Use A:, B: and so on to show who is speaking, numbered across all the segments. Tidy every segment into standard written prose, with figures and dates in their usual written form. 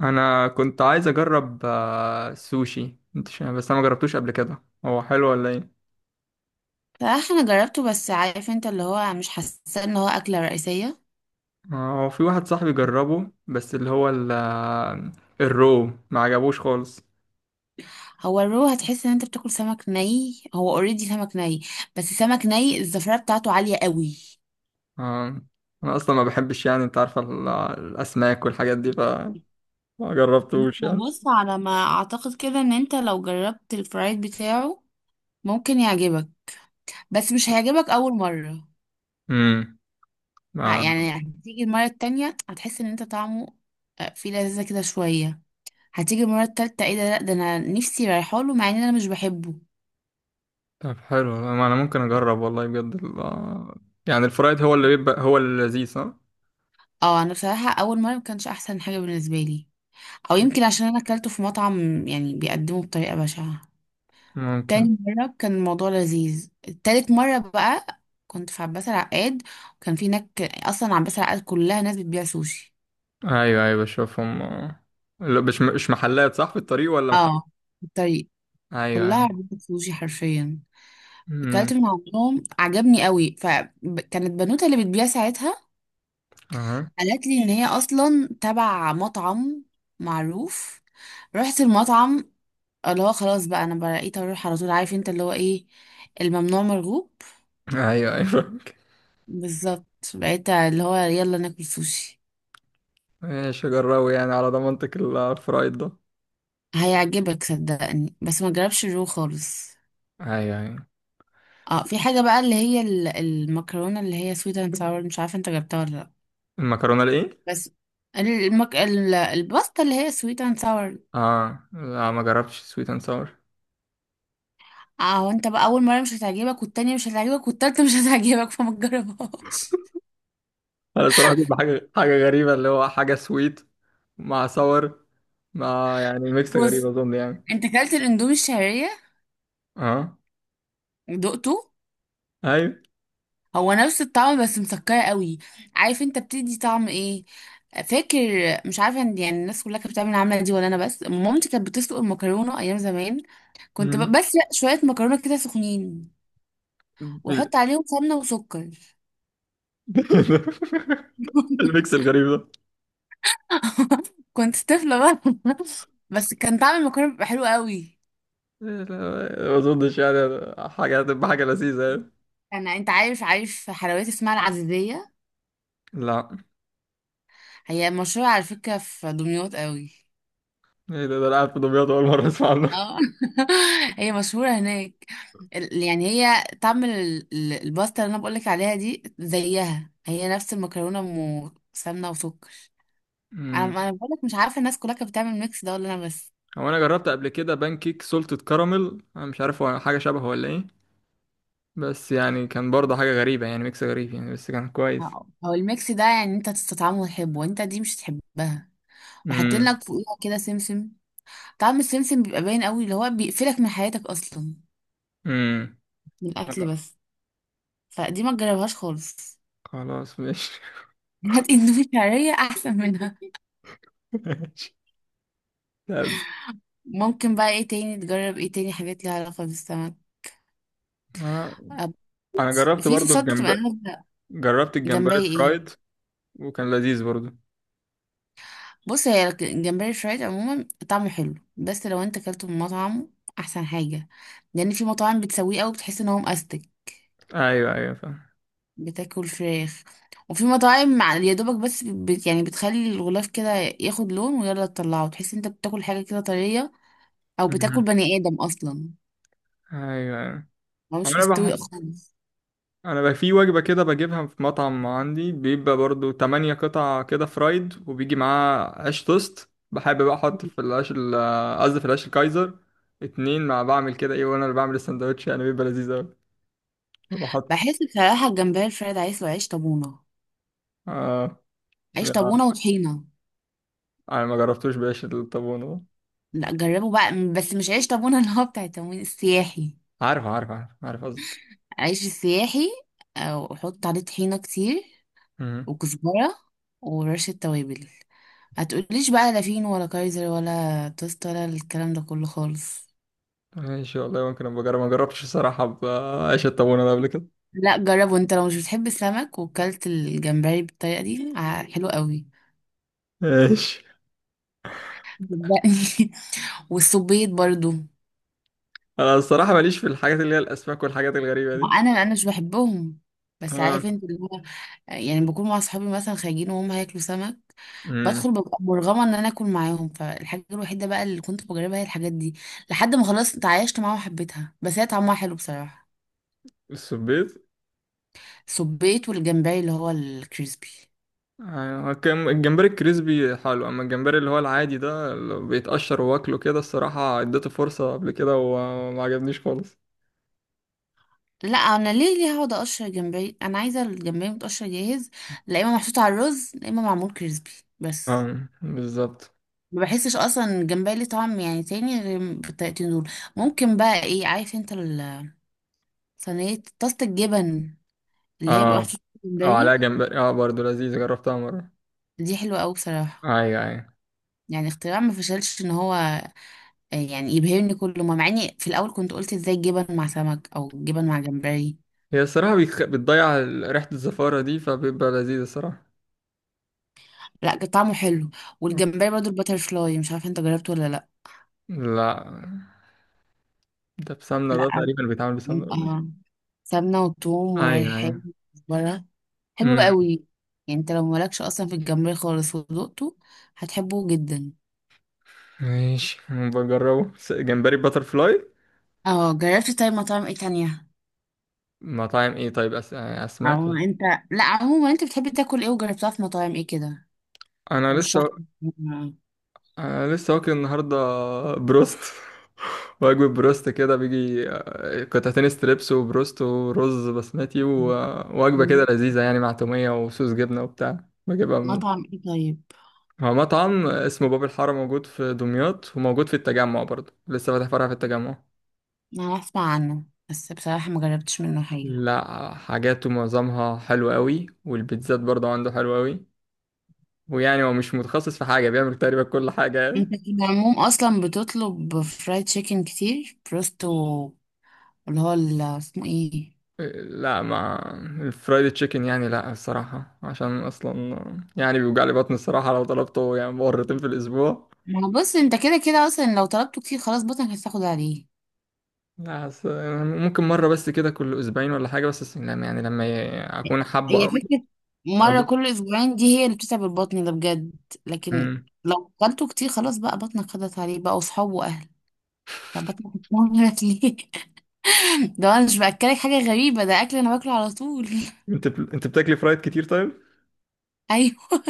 A: انا كنت عايز اجرب السوشي بس انا ما جربتوش قبل كده، هو حلو ولا ايه؟
B: صراحة انا جربته، بس عارف انت اللي هو مش حاسة ان هو اكلة رئيسية.
A: هو في واحد صاحبي جربه، بس اللي هو الرو ما عجبوش خالص.
B: هو الرو هتحس ان انت بتاكل سمك ني، هو اوريدي سمك ني، بس سمك ني الزفرة بتاعته عالية قوي.
A: آه، انا اصلا ما بحبش، يعني انت عارفه الاسماك والحاجات دي، فما
B: انت
A: جربتوش يعني.
B: بص، على ما اعتقد كده ان انت لو جربت الفرايد بتاعه ممكن يعجبك، بس مش هيعجبك اول مرة.
A: امم آه،
B: يعني هتيجي المرة التانية هتحس ان انت طعمه، فيه لذة كده شوية. هتيجي المرة التالتة ايه ده، لا ده انا نفسي رايحاله مع ان انا مش بحبه.
A: طب حلو، ما انا ممكن اجرب والله بجد يعني الفرايد هو اللي بيبقى هو اللذيذ، صح؟
B: اه انا بصراحه اول مره ما كانش احسن حاجه بالنسبه لي، او يمكن عشان انا اكلته في مطعم يعني بيقدمه بطريقه بشعه.
A: ممكن.
B: تاني مره كان الموضوع لذيذ. تالت مره بقى، كنت في عباس العقاد، وكان في هناك اصلا عباس العقاد كلها ناس بتبيع سوشي.
A: ايوه، ايوه، بشوفهم. لا، مش محلات، صح؟ في الطريق ولا؟
B: اه في الطريق،
A: ايوه،
B: كلها
A: ايوه.
B: عربيات سوشي حرفيا. اكلت
A: امم
B: من عندهم عجبني قوي، فكانت بنوته اللي بتبيع ساعتها
A: اها.
B: قالت لي ان هي اصلا تبع مطعم معروف. رحت المطعم، اللي هو خلاص بقى انا بقيت اروح على طول، عارف انت اللي هو ايه، الممنوع مرغوب.
A: ايوه، ايوه.
B: بالظبط. بقيت اللي هو يلا ناكل سوشي.
A: ماشي، جربوا يعني على ضمانتك الفرايد ده.
B: هيعجبك صدقني، بس ما جربش الرو خالص.
A: ايوه، ايوه.
B: اه في حاجة بقى اللي هي المكرونة اللي هي سويت اند ساور، مش عارفة انت جبتها ولا لا.
A: المكرونه الايه؟
B: بس الباستا اللي هي سويت اند ساور.
A: اه، لا، ما جربتش سويت اند ساور.
B: اه وانت بقى اول مرة مش هتعجبك والتانية مش هتعجبك والتالتة مش هتعجبك، فما تجربهاش.
A: انا الصراحه، دي حاجه غريبه، اللي هو حاجه سويت مع ساور، مع يعني ميكس غريب،
B: بص،
A: اظن يعني.
B: انت كلت الاندومي الشعرية
A: اه.
B: دقته.
A: ايوه.
B: هو نفس الطعم بس مسكرة قوي. عارف انت بتدي طعم ايه؟ فاكر؟ مش عارفة ان يعني الناس كلها كانت بتعمل العملة دي ولا انا بس، مامتي كانت بتسلق المكرونة ايام زمان. كنت
A: مم.
B: بس شوية مكرونة كده سخنين،
A: ال-
B: واحط عليهم سمنة وسكر.
A: الميكس الغريب ده.
B: كنت طفلة بقى. بس كان طعم المكرونة بيبقى حلو قوي.
A: لا، ما اظنش يعني، حاجه هتبقى حاجه لذيذه يعني.
B: انا انت عارف حلويات اسمها العزيزية؟
A: لا.
B: هي مشهورة على فكرة في دمياط قوي.
A: ايه ده؟ ده انا قاعد في دمياط، اول مره اسمع
B: اه هي مشهورة هناك. يعني هي طعم الباستا اللي انا بقولك عليها دي زيها، هي نفس المكرونة، سمنة وسكر. انا
A: عنه.
B: انا بقولك، مش عارفة الناس كلها كانت بتعمل الميكس ده ولا انا بس.
A: هو انا جربت قبل كده بانكيك سولتد كراميل، انا مش عارف هو حاجه شبهه ولا ايه. بس يعني كان برضه حاجه غريبه، يعني ميكس غريب يعني، بس كان كويس.
B: اه. هو الميكس ده يعني انت تستطعمه وتحبه، وانت دي مش تحبها. وحاطين
A: امم
B: لك فوقيها كده سمسم، طعم السمسم بيبقى باين قوي، اللي هو بيقفلك من حياتك اصلا
A: امم
B: من الاكل بس. فدي ما تجربهاش خالص.
A: خلاص ماشي.
B: هات اندومي شعرية احسن منها.
A: ماشي. طب...
B: ممكن بقى ايه تاني تجرب، ايه تاني حاجات ليها علاقة بالسمك؟
A: انا
B: أب-
A: انا
B: بص،
A: جربت
B: في
A: برضه
B: صوصات بتبقى
A: الجمبري،
B: نازلة.
A: جربت الجمبري
B: جمبري
A: الفرايد،
B: ايه؟
A: وكان لذيذ برضه.
B: بص هي الجمبري الفرايد عموما طعمه حلو، بس لو انت اكلته من مطعم احسن حاجة، لان في مطاعم بتسويه قوي بتحس ان هو مأستك،
A: ايوه، ايوه، فاهم.
B: بتاكل فراخ. وفي مطاعم يا دوبك بس بت يعني بتخلي الغلاف كده ياخد لون ويلا تطلعه تحس ان انت بتاكل حاجة كده طرية، او بتاكل
A: مهم.
B: بني ادم اصلا،
A: ايوه، ايوه.
B: هو
A: هو
B: مش مستوي خالص.
A: انا بقى في وجبه كده بجيبها في مطعم عندي، بيبقى برضو تمانية قطع كده فرايد، وبيجي معاه عيش توست، بحب بقى احط في العيش قصدي في العيش الكايزر. اتنين مع بعمل كده ايه، وانا اللي بعمل السندوتش يعني بيبقى لذيذ اوي. بحط...
B: بحس بصراحة الجمبري الفرايد عايز له عيش طابونة،
A: اه،
B: عيش
A: يعني
B: طابونة وطحينة.
A: انا ما جربتوش بعيش الطابون ده.
B: لا جربوا بقى بس مش عيش طابونة اللي هو بتاع التموين السياحي،
A: عارف، عارف، عارف، عارف قصدك.
B: عيش السياحي. أو حط عليه طحينة كتير
A: مهم.
B: وكزبرة ورشة توابل، هتقوليش بقى لا فين ولا كايزر ولا توست ولا الكلام ده كله خالص.
A: ماشي والله، ممكن ابقى اجرب، ما جربتش الصراحه بعيش الطابون ده قبل كده.
B: لا جربه، انت لو مش بتحب السمك وكلت الجمبري بالطريقة دي حلو قوي،
A: ماشي.
B: صدقني. والصبيط برضو.
A: انا الصراحه ماليش في الحاجات اللي هي الاسماك والحاجات الغريبه
B: ما
A: دي.
B: انا مش بحبهم، بس
A: اه.
B: عارف انت اللي هو يعني بكون مع اصحابي مثلا خارجين وهم هياكلوا سمك،
A: امم
B: بدخل ببقى مرغمه ان انا اكل معاهم. فالحاجه الوحيده بقى اللي كنت بجربها هي الحاجات دي، لحد ما خلاص اتعايشت معاها وحبيتها. بس هي طعمها حلو بصراحه.
A: السبيط.
B: سبيت والجمبري اللي هو الكريسبي.
A: أيوة، الجمبري الكريسبي حلو، اما الجمبري اللي هو العادي ده اللي بيتقشر واكله كده، الصراحة اديته فرصة قبل كده وما عجبنيش خالص.
B: لا انا ليه هقعد اقشر جمبري، انا عايزه الجمبري متقشر جاهز، لا اما محطوط على الرز لا اما معمول كريسبي بس.
A: اه، بالظبط.
B: ما بحسش اصلا الجمبري ليه طعم يعني تاني غير بالطريقتين دول. ممكن بقى ايه، عارف انت صينية طاسة الجبن، اللي هي بيبقى
A: اه،
B: محطوط فيها
A: اه،
B: جمبري؟
A: عليها جمبري، اه برضه لذيذ، جربتها مرة.
B: دي حلوة أوي بصراحة.
A: ايوه، ايوه.
B: يعني اختراع ما فشلش، ان هو يعني يبهرني كل ما، مع اني في الاول كنت قلت ازاي جبن مع سمك او جبن مع جمبري.
A: هي الصراحة بتضيع ريحة الزفارة دي، فبيبقى لذيذ الصراحة.
B: لا كان طعمه حلو. والجمبري برضو الباتر فلاي مش عارفه انت جربته ولا لا؟
A: لا، ده بسمنة، ده
B: لا.
A: تقريبا بيتعمل بسمنة ولا إيه؟
B: اه سمنه وثوم
A: ايوه، ايوه.
B: وريحان وكزبره، حلو
A: امم
B: قوي. يعني انت لو مالكش اصلا في الجمبري خالص ودقته هتحبه جدا.
A: ماشي، بجربه جمبري باتر فلاي.
B: اه جربت. طيب مطاعم ايه تانية؟
A: مطاعم ايه طيب؟ اسماك.
B: او انت، لا عموما انت بتحب تاكل ايه وجربتها في مطاعم ايه كده؟
A: انا
B: رشح
A: لسه...
B: لي.
A: أنا لسه واكل النهاردة بروست. وجبة بروست كده بيجي قطعتين ستريبس وبروست ورز بسمتي، ووجبة كده لذيذة يعني مع تومية وصوص جبنة وبتاع. بجيبها من...
B: مطعم ايه طيب؟
A: هو مطعم اسمه باب الحارة، موجود في دمياط وموجود في التجمع، برضه لسه فاتح فرع في التجمع.
B: انا اسمع عنه بس بصراحة ما جربتش منه حاجة.
A: لا، حاجاته معظمها حلوة قوي، والبيتزات برضه عنده حلوة قوي. ويعني هو مش متخصص في حاجة، بيعمل تقريبا كل حاجة
B: انت
A: يعني.
B: في العموم اصلا بتطلب فرايد تشيكن كتير، بروستو اللي هو اسمه ايه.
A: لا مع... الفرايد تشيكن يعني، لا الصراحة عشان أصلا، يعني بيوجع لي بطني الصراحة لو طلبته يعني مرتين في الأسبوع.
B: ما هو بص انت كده كده اصلا لو طلبته كتير خلاص بطنك هتاخد عليه.
A: لا بس... ممكن مرة بس كده كل أسبوعين ولا حاجة، بس لما يعني أكون حابه
B: هي
A: أوي.
B: فكرة.
A: أو
B: مرة
A: جيت.
B: كل أسبوعين دي هي اللي بتتعب البطن ده بجد. لكن
A: أمم.
B: لو أكلته كتير خلاص بقى بطنك خدت عليه بقى، وصحاب وأهل. طب بطنك ليه؟ ده انا مش باكلك حاجه غريبه، ده اكل انا باكله على طول.
A: أنت بتاكلي فرايد كتير طيب؟
B: ايوه.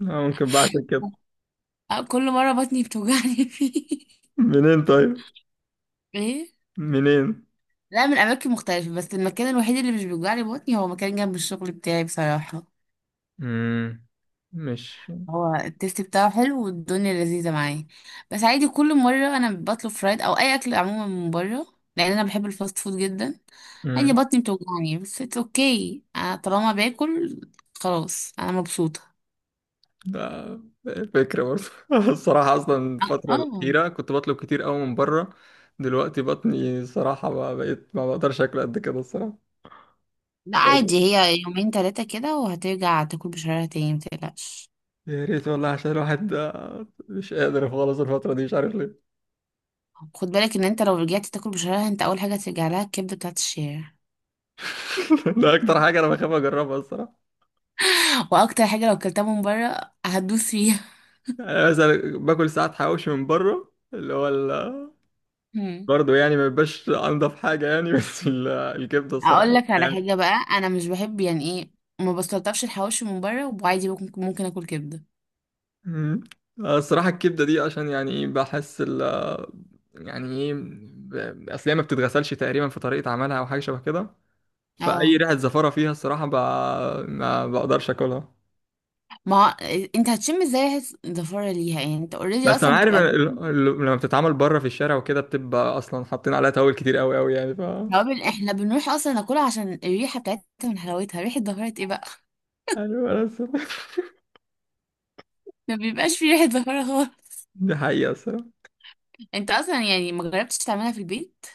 A: لا، ممكن بعد كده.
B: كل مره بطني بتوجعني فيه.
A: منين طيب؟
B: ايه.
A: منين؟
B: لا من اماكن مختلفه، بس المكان الوحيد اللي مش بيوجعني بطني هو مكان جنب الشغل بتاعي بصراحه.
A: أمم. مش...
B: هو التيست بتاعه حلو والدنيا لذيذه معايا. بس عادي كل مره انا بطلب فرايد او اي اكل عموما من بره، لان انا بحب الفاست فود جدا. عادي
A: مم.
B: بطني بتوجعني بس اتس اوكي، انا طالما باكل خلاص انا مبسوطه.
A: ده فكرة برضه. الصراحة أصلا الفترة
B: اه
A: الأخيرة كنت بطلب كتير قوي من بره. دلوقتي بطني الصراحة بقى، بقيت ما بقدرش أكل قد كده الصراحة.
B: لا
A: والله.
B: عادي هي يومين ثلاثة كده وهترجع تاكل بشرايها تاني، متقلقش.
A: يا ريت والله، عشان الواحد ده مش قادر خالص الفترة دي، مش عارف ليه.
B: خد بالك ان انت لو رجعت تاكل بشرايها انت اول حاجة هترجع لها الكبدة بتاعت الشارع.
A: ده أكتر حاجة أنا بخاف أجربها الصراحة.
B: واكتر حاجة لو اكلتها من بره هتدوس فيها.
A: يعني مثلا باكل ساعات حواوشي من بره اللي هو
B: مم.
A: برضه يعني ما بيبقاش أنضف حاجة يعني. بس الكبدة الصراحة
B: اقول لك على
A: يعني.
B: حاجة بقى انا مش بحب، يعني ايه، ما بستلطفش الحواوشي من بره، وعادي ممكن اكل كبدة.
A: مم. الصراحة الكبدة دي عشان يعني ايه، بحس يعني ايه اصل هي ما بتتغسلش تقريبا في طريقة عملها او حاجة شبه كده، فأي
B: اه
A: ريحة زفارة فيها الصراحة ما بقدرش اكلها.
B: ما هو انت هتشم ازاي ريحة الزفارة ليها يعني، انت اوريدي
A: بس انا
B: اصلا
A: عارف إن
B: بتبقى.
A: لما بتتعمل بره في الشارع وكده، بتبقى اصلا حاطين عليها توابل كتير قوي قوي يعني، ف...
B: توابل احنا بنروح اصلا ناكلها عشان الريحة بتاعتها من حلاوتها، ريحة زفارة ايه بقى.
A: ايوه بس.
B: ما بيبقاش في ريحة زفارة.
A: دي حقيقة الصراحة.
B: انت اصلا يعني ما جربتش تعملها في البيت؟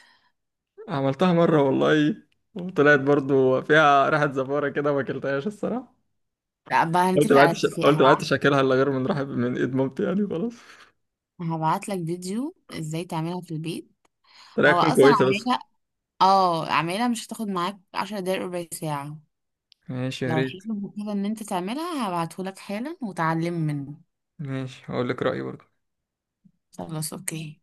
A: عملتها مرة والله، وطلعت برضو فيها ريحة زفارة كده، ما اكلتهاش الصراحة.
B: لا بقى هنتفق على اتفاق،
A: قلت ما
B: هبعت.
A: عدتش اكلها الا غير من رحب من ايد مامتي، يعني خلاص.
B: هبعت لك فيديو ازاي تعملها في البيت.
A: طريقة
B: هو
A: تكون
B: اصلا
A: كويسة بس.
B: عاملها. اه عاملها مش هتاخد معاك 10 دقايق، ربع ساعة.
A: ماشي، يا
B: لو
A: ريت.
B: حلو كده ان انت تعملها هبعته لك حالا، وتعلم منه.
A: ماشي، هقول لك رأيي برضه.
B: خلاص اوكي.